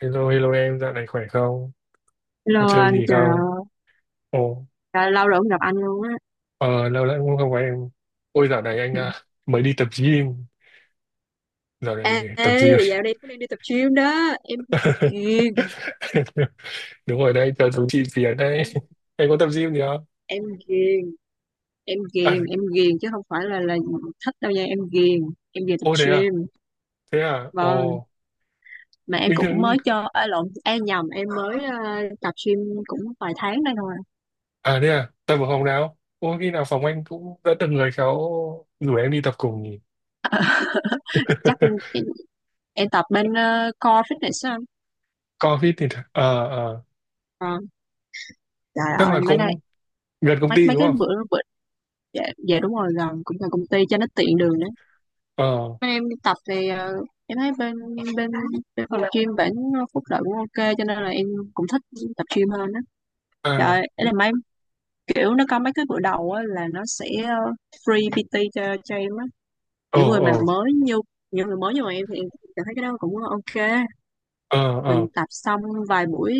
Hello, hello em, dạo này khỏe không? Có Hello chơi anh, gì trời không? ơi, Ồ, lâu rồi không gặp anh luôn á. ờ, lâu lắm cũng không có em. Ôi, dạo này anh à, mới đi tập gym. Dạo Ê, này tập gym. ê, dạo đây cũng đang đi tập gym đó, ghiền, Đúng rồi đấy, cho chú chị Việt đấy. em Em có tập gym gì không? em ghiền, À, em ghiền chứ không phải là thích đâu nha, em ghiền, em về tập ô thế à? gym. Thế à? Vâng, Ồ, mà em bình cũng thường... mới cho, à, lộn, em nhầm, em mới tập gym cũng vài tháng đây thôi. À thế à? Tập ở phòng nào? Ôi, khi nào phòng anh cũng đã từng người khéo rủ em đi tập cùng nhỉ? Chắc em em tập bên Core Fitness á, anh. Covid thì... Ờ, ờ, Ờ, trời chắc ơi, là mấy nay cũng gần công mấy ty mấy đúng cái không? bữa bữa dạ, dạ đúng rồi gần cũng gần công ty cho nó tiện đường. Ờ, Bên em đi tập thì em thấy bên bên bên phòng gym bản phúc lợi cũng ok, cho nên là em cũng thích tập gym hơn á. Trời à, ơi, ấy là mấy kiểu nó có mấy cái bữa đầu á là nó sẽ free PT cho em á. ờ, Những người ờ. mà mới như những người mới như mà em thì em cảm thấy cái đó cũng ok. Ờ, Mình ờ, tập xong vài buổi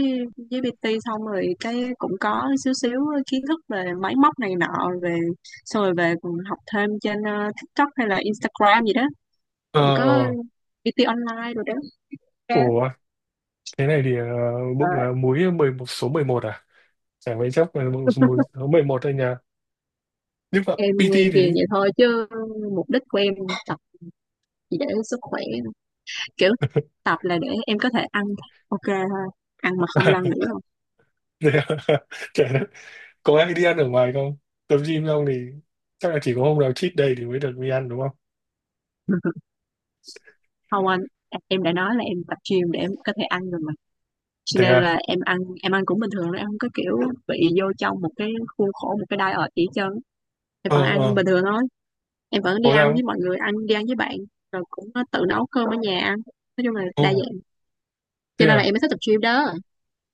với PT xong rồi cái cũng có xíu xíu kiến thức về máy móc này nọ về, xong rồi về còn học thêm trên TikTok hay là Instagram gì đó, ờ, cũng có ờ. PT online rồi đó. Cái, Ủa thế này thì ờ, bụng múi 11 số 11 à, chả mấy chốc là bụng múi số 11 thôi nhờ, nhưng mà em nghe PT ghiền thì vậy thôi chứ mục đích của em tập chỉ để sức khỏe, kiểu tập là để em có thể ăn ok thôi, ăn mà không lo à, nghĩ không. thế à? Chả đất. Có ai đi ăn ở ngoài không? Tập gym xong thì chắc là chỉ có hôm nào cheat day thì mới được đi ăn đúng không? Không anh, em đã nói là em tập gym để em có thể ăn rồi mà, cho Thế nên à. là em ăn, em ăn cũng bình thường thôi, em không có kiểu bị vô trong một cái khuôn khổ, một cái diet gì hết trơn. Em Ờ, vẫn ăn ờ. bình thường thôi, em vẫn đi Có ăn ra không? với mọi người, đi ăn với bạn, rồi cũng tự nấu cơm ở nhà ăn, nói chung là Ồ, đa dạng. Cho thế nên là à. em mới thích tập gym đó,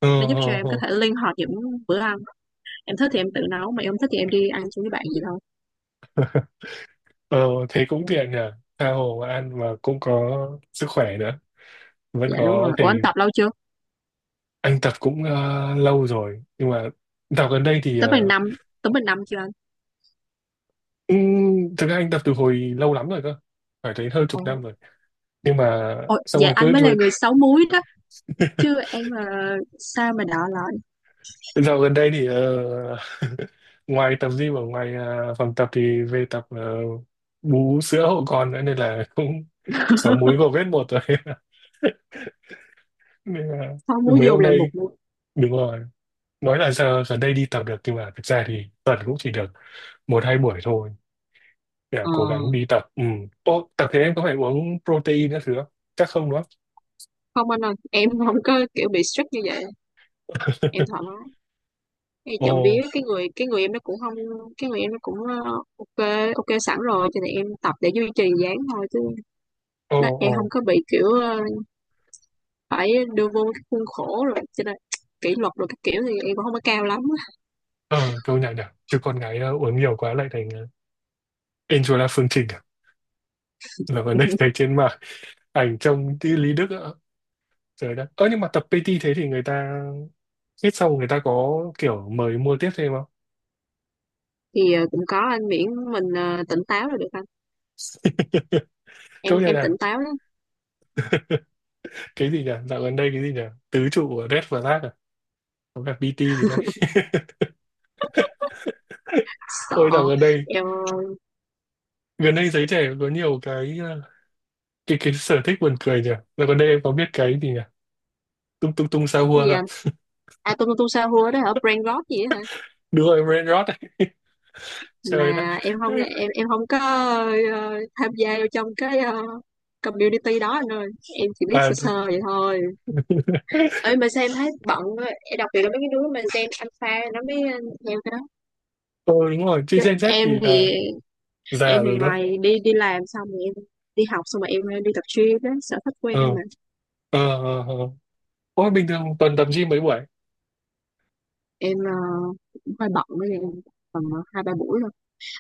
Ờ, nó giúp cho ờ, em có ờ. thể linh hoạt những bữa ăn. Em thích thì em tự nấu, mà em không thích thì em đi ăn chung với bạn gì thôi. Ờ, thế cũng tiện nhờ, tha hồ mà ăn mà cũng có sức khỏe nữa, vẫn Dạ đúng rồi. có thể. Ủa anh tập lâu chưa? Anh tập cũng lâu rồi, nhưng mà tập gần đây thì Tới bằng năm, chưa anh? Thực ra anh tập từ hồi lâu lắm rồi cơ, phải tới hơn chục Ồ năm rồi, nhưng mà ồ, xong dạ rồi cứ anh mới là người sáu múi đó, chứ em là sao mà đọ lọt. dạo gần đây thì ngoài tập gym ở ngoài phòng tập thì về tập bú sữa hộ con nữa nên là cũng sáu múi vào vết một rồi nên là Sáu múi mấy dù hôm là một nay. múi. Đúng rồi, nói là giờ gần đây đi tập được nhưng mà thực ra thì tuần cũng chỉ được một hai buổi thôi. Dạ, Ờ cố gắng đi tập. Ừ. Ô, tập thế em có phải uống protein các thứ không? Chắc không đúng không? không anh ơi, em không có kiểu bị strict như vậy, em thoải mái. Em chậm vía, Ồ, cái người em nó cũng không, cái người em nó cũng ok, ok sẵn rồi, cho nên em tập để duy trì dáng thôi chứ. ồ, Nó, em ồ. không có bị kiểu phải đưa vô cái khuôn khổ rồi cho nên kỷ luật rồi các kiểu thì em cũng không có cao lắm. Ờ, Câu nhạc nhỉ. Chứ con gái uống nhiều quá lại thành Angela Phương Trình à? Là vấn đề thấy trên mạng, ảnh trông như Lý Đức ạ. Trời đất. Ơ, nhưng mà tập PT thế thì người ta hết xong người ta có kiểu mời mua tiếp thêm không? Thì cũng có anh, miễn mình tỉnh táo là được anh, Câu nhạc em là tỉnh táo lắm. cái gì nhỉ? Dạo gần đây cái gì nhỉ? Tứ trụ của Red Flag à? Có cả PT gì đây? Sợ, Ôi, dạo em gần đây giới trẻ có nhiều cái ờ, cái sở thích buồn cười nhỉ. Rồi còn đây em có biết cái gì nhỉ, tung tung tung sao hua gì không? anh? À tung tung sao hua đó hả, brain rot gì đó hả? Đúng rồi, brain rot ấy. Mà Trời đất. em không, em không có tham gia vô trong cái community đó anh ơi, em chỉ biết À, sơ sơ vậy thôi. Ơi mà sao em thấy bận quá. Em đặc biệt là mấy cái đứa mà gen alpha nó mới theo cái đó, Ờ, đúng rồi, chứ chứ Gen Z em thì là thì, em già thì rồi đó. ngoài đi đi làm xong rồi em đi học, xong rồi em đi tập gym, đó sở thích của Ờ, em mà. ờ, ờ, ờ. Ôi, bình thường tuần tập gym mấy buổi? Em cũng hơi bận, với em tầm hai ba buổi thôi.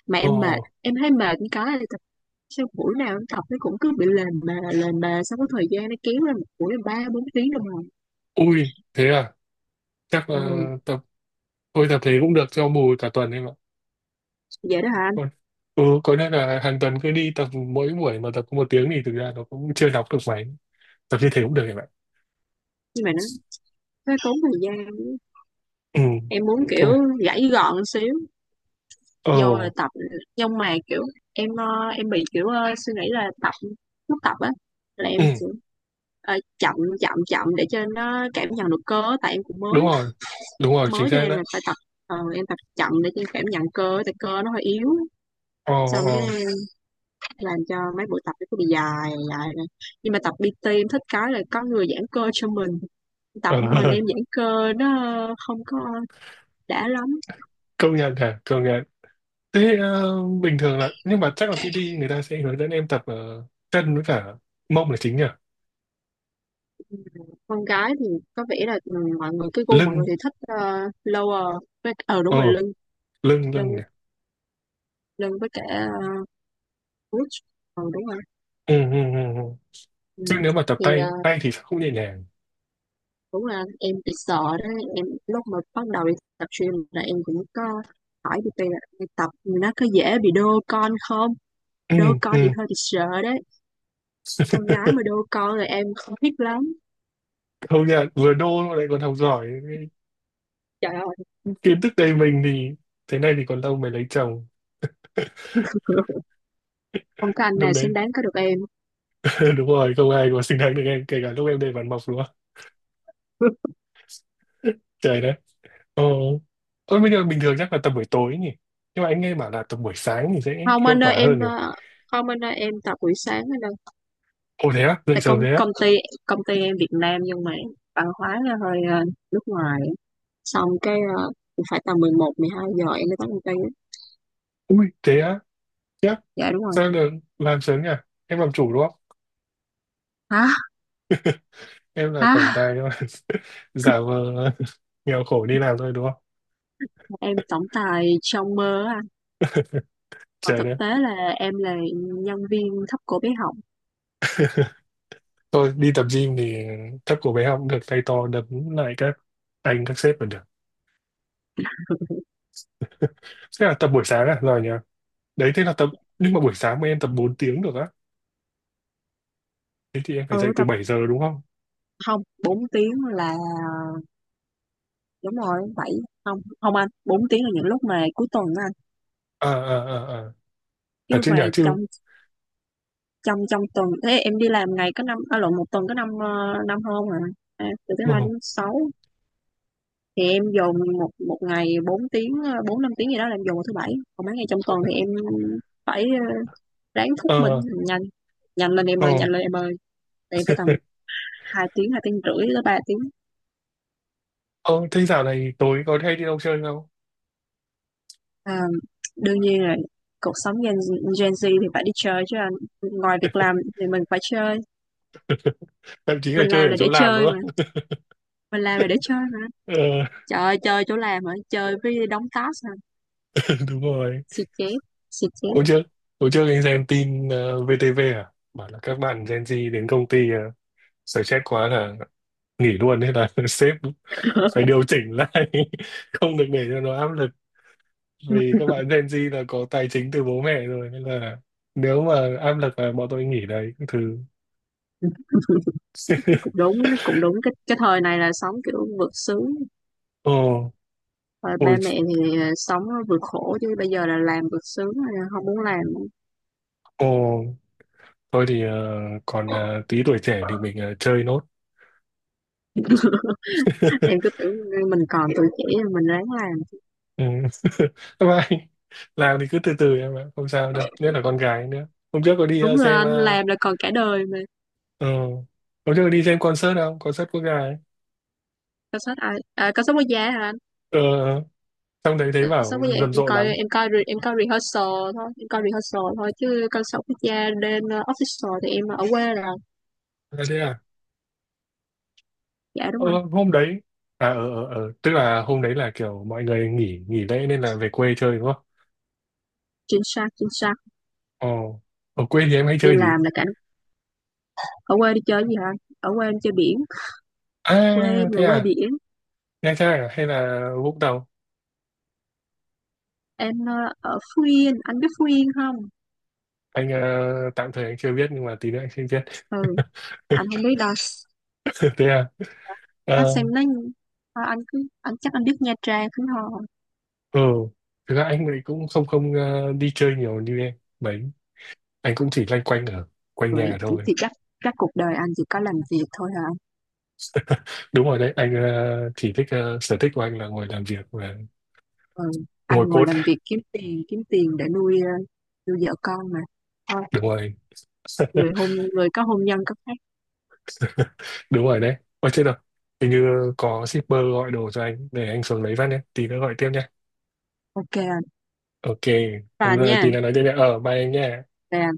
Mà Ờ. em mệt, em thấy mệt, như cái là tập sao buổi nào em tập nó cũng cứ bị lềnh mà sau có thời gian nó kéo lên một buổi là ba bốn tiếng đồng hồ. Ui, thế à, chắc Ừ, là tập. Thôi tập thế cũng được cho bù cả tuần em ạ. vậy đó hả anh? Còn- ừ, có, nên là hàng tuần cứ đi tập mỗi buổi mà tập có 1 tiếng thì thực ra nó cũng chưa đọc được mấy. Tập như thế cũng được em ạ. Nhưng mà nó tốn thời gian, Ừ. em muốn Không kiểu ạ. gãy gọn xíu, Ờ. vô là tập. Nhưng mà kiểu em em bị kiểu suy nghĩ là tập, lúc tập á là em Ừ. sẽ ờ, chậm chậm chậm để cho nó cảm nhận được cơ á, tại em cũng Đúng mới, rồi. Đúng rồi, chính mới cho xác em đấy. là phải tập em tập chậm để cho em cảm nhận cơ, tại cơ nó hơi yếu. Ờ, Xong cái ờ, em làm cho mấy buổi tập nó cứ bị dài dài này. Nhưng mà tập PT em thích cái là có người giãn cơ cho mình, tập ờ. mình em giãn cơ nó không có đã lắm. Công nhận hả, công nhận. Thế bình thường là nhưng mà chắc là PT người ta sẽ hướng dẫn em tập chân với cả mông là chính nhỉ. Con gái thì có vẻ là ừ, mọi người, cái gu mọi người Lưng. thì thích lower với, ờ ờ đúng rồi, lưng. Lưng lưng lưng nhỉ. lưng với cả uh, ờ đúng rồi, Ừ, ừ, ừ. Ừ. ừ. Chứ nếu mà tập Thì tay tay thì sao không nhẹ nhàng? đúng là em bị sợ đó. Em lúc mà bắt đầu đi tập gym là em cũng có hỏi đi là đi tập nó có dễ bị đô con không, Ừ, đô con thì ừ. hơi bị sợ đấy. Con gái mà đô con là em không thích lắm. Công nhận vừa đô mà lại còn học giỏi, Trời ơi kiến thức đầy mình thì thế này thì còn lâu mới lấy chồng không có anh lúc nào xứng đấy. đáng có được em. Đúng rồi, không ai có xứng đáng được em kể cả lúc em đầy bản mộc luôn. Trời đất. Ờ, tôi bây giờ bình thường chắc là tập buổi tối nhỉ. Nhưng mà anh nghe bảo là tập buổi sáng thì sẽ Không hiệu anh ơi, quả hơn em rồi. ờ, không anh ơi em tập buổi sáng anh ơi. Ồ thế á, dậy Tại công sớm thế á. công ty, công ty em Việt Nam nhưng mà văn hóa là hơi nước ngoài, xong cái phải tầm mười một mười hai giờ em mới tới công ty á. Ui, thế á, chắc. Dạ đúng rồi. Sao được làm sớm nhỉ? Em làm chủ đúng không? Hả. Em là tổng Hả. tài nhưng mà giả vờ nghèo khổ đi làm thôi đúng không? Em tổng tài trong mơ á anh, còn Trời thực đất. tế là em là nhân viên thấp cổ bé họng. Tôi đi tập gym thì thấp của bé học cũng được, tay to đấm lại các anh các sếp là được. Thế là tập buổi sáng à? Rồi nhỉ? Đấy thế là tập, nhưng mà buổi sáng mà em tập 4 tiếng được á. Thế thì em phải Ở dậy từ tập, 7 giờ đúng không? không 4 tiếng là, đúng rồi bảy, không không anh, bốn tiếng là những lúc mà cuối tuần á anh. À, à, à, à. Thật Chứ chứ mà nhỉ, trong chứ. trong trong tuần, thế em đi làm ngày có năm, à, lộn, một tuần có năm năm hôm à. À, từ thứ ờ hai đến sáu thì em dồn một một ngày 4 tiếng bốn năm tiếng gì đó là em dồn vào thứ bảy. Còn mấy ngày trong tuần thì em phải ráng thúc mình ờ nhanh, nhanh lên em ờ ơi, nhanh lên em ơi. Tại em phải tầm hai tiếng rưỡi tới ba tiếng. ờ Thế dạo này tối có hay đi đâu chơi không? À, đương nhiên rồi, cuộc sống Gen Z thì phải đi chơi chứ anh, ngoài việc làm thì mình phải chơi. Thậm chí là mình chơi làm ở là để chỗ làm chơi nữa. mà mình làm là để chơi mà. Ờ. Trời ơi, chơi chỗ làm hả, chơi với đóng task hả? Đúng rồi. Xì chét, xì chét Hôm trước hôm trước anh xem tin VTV à, bảo là các bạn Gen Z đến công ty, uh, stress quá là nghỉ luôn, thế là sếp phải điều chỉnh lại, không được để cho nó áp lực, vì các bạn Gen Z là có tài chính từ bố mẹ rồi nên là nếu mà áp lực là bọn tôi nghỉ đấy thứ. cũng đúng, cũng đúng, cái thời này là sống kiểu vượt sướng, Ồ. rồi Ôi. ba mẹ thì sống vượt khổ, chứ bây giờ là làm vượt sướng, không muốn làm. Ồ. Thôi thì còn tí tuổi trẻ thì mình chơi nốt. Em cứ tưởng mình còn tuổi trẻ mình ráng làm. Ừ. Các bạn làm thì cứ từ từ em ạ, không sao đâu. Nhất là con gái nữa. Hôm trước có đi ờ, Đúng rồi xem anh, ờ, làm là còn cả đời mà. ờ, Hôm trước có đi xem concert không? Concert quốc gia ấy. Cảnh sát à, à cảnh sát quốc gia hả anh? Ờ, Trong đấy thấy Cảnh bảo sát quốc gia em rầm rộ coi, lắm. Em coi rehearsal thôi, em coi rehearsal thôi, chứ cảnh sát quốc gia đến official thì em ở quê rồi. À, thế à? Dạ đúng Ờ, rồi. hôm đấy à ờ ờ ờ, Tức là hôm đấy là kiểu mọi người nghỉ nghỉ lễ nên là về quê chơi đúng không? Chính xác, chính xác. Ồ, ở quê thì em hay Đi chơi gì? làm là cảnh, ở quê đi chơi gì hả anh? Ở quê em chơi biển, quê À em là thế quê à, biển. Nha Trang à hay là Vũng Tàu? Em ở Phú Yên, anh biết Phú Yên không? Anh tạm thời anh chưa biết nhưng mà tí nữa anh sẽ biết. Ừ, anh không biết đâu. Thế à. Nó Ờ. xem nó, thôi anh cứ, anh chắc anh biết Nha Trang đúng không? Ừ. Thực ra anh ấy cũng không không đi chơi nhiều như em mấy. Anh cũng chỉ loanh quanh ở quanh Rồi nhà thôi. thì chắc, cuộc đời anh chỉ có làm việc thôi hả? Đúng rồi đấy, anh chỉ thích sở thích của anh là ngồi làm việc và Ừ. Anh ngồi ngồi code. làm việc kiếm tiền, để nuôi nuôi vợ con mà. Thôi, Đúng rồi. Người có hôn nhân có phép. Đúng rồi đấy, ôi chết rồi, hình như có shipper gọi đồ cho anh, để anh xuống lấy phát nhé, tí nữa gọi tiếp nhé. Ok anh. Ok. Hôm Bà giờ nha. tí nữa nói tiếp nhé, bye anh nhé. Bà.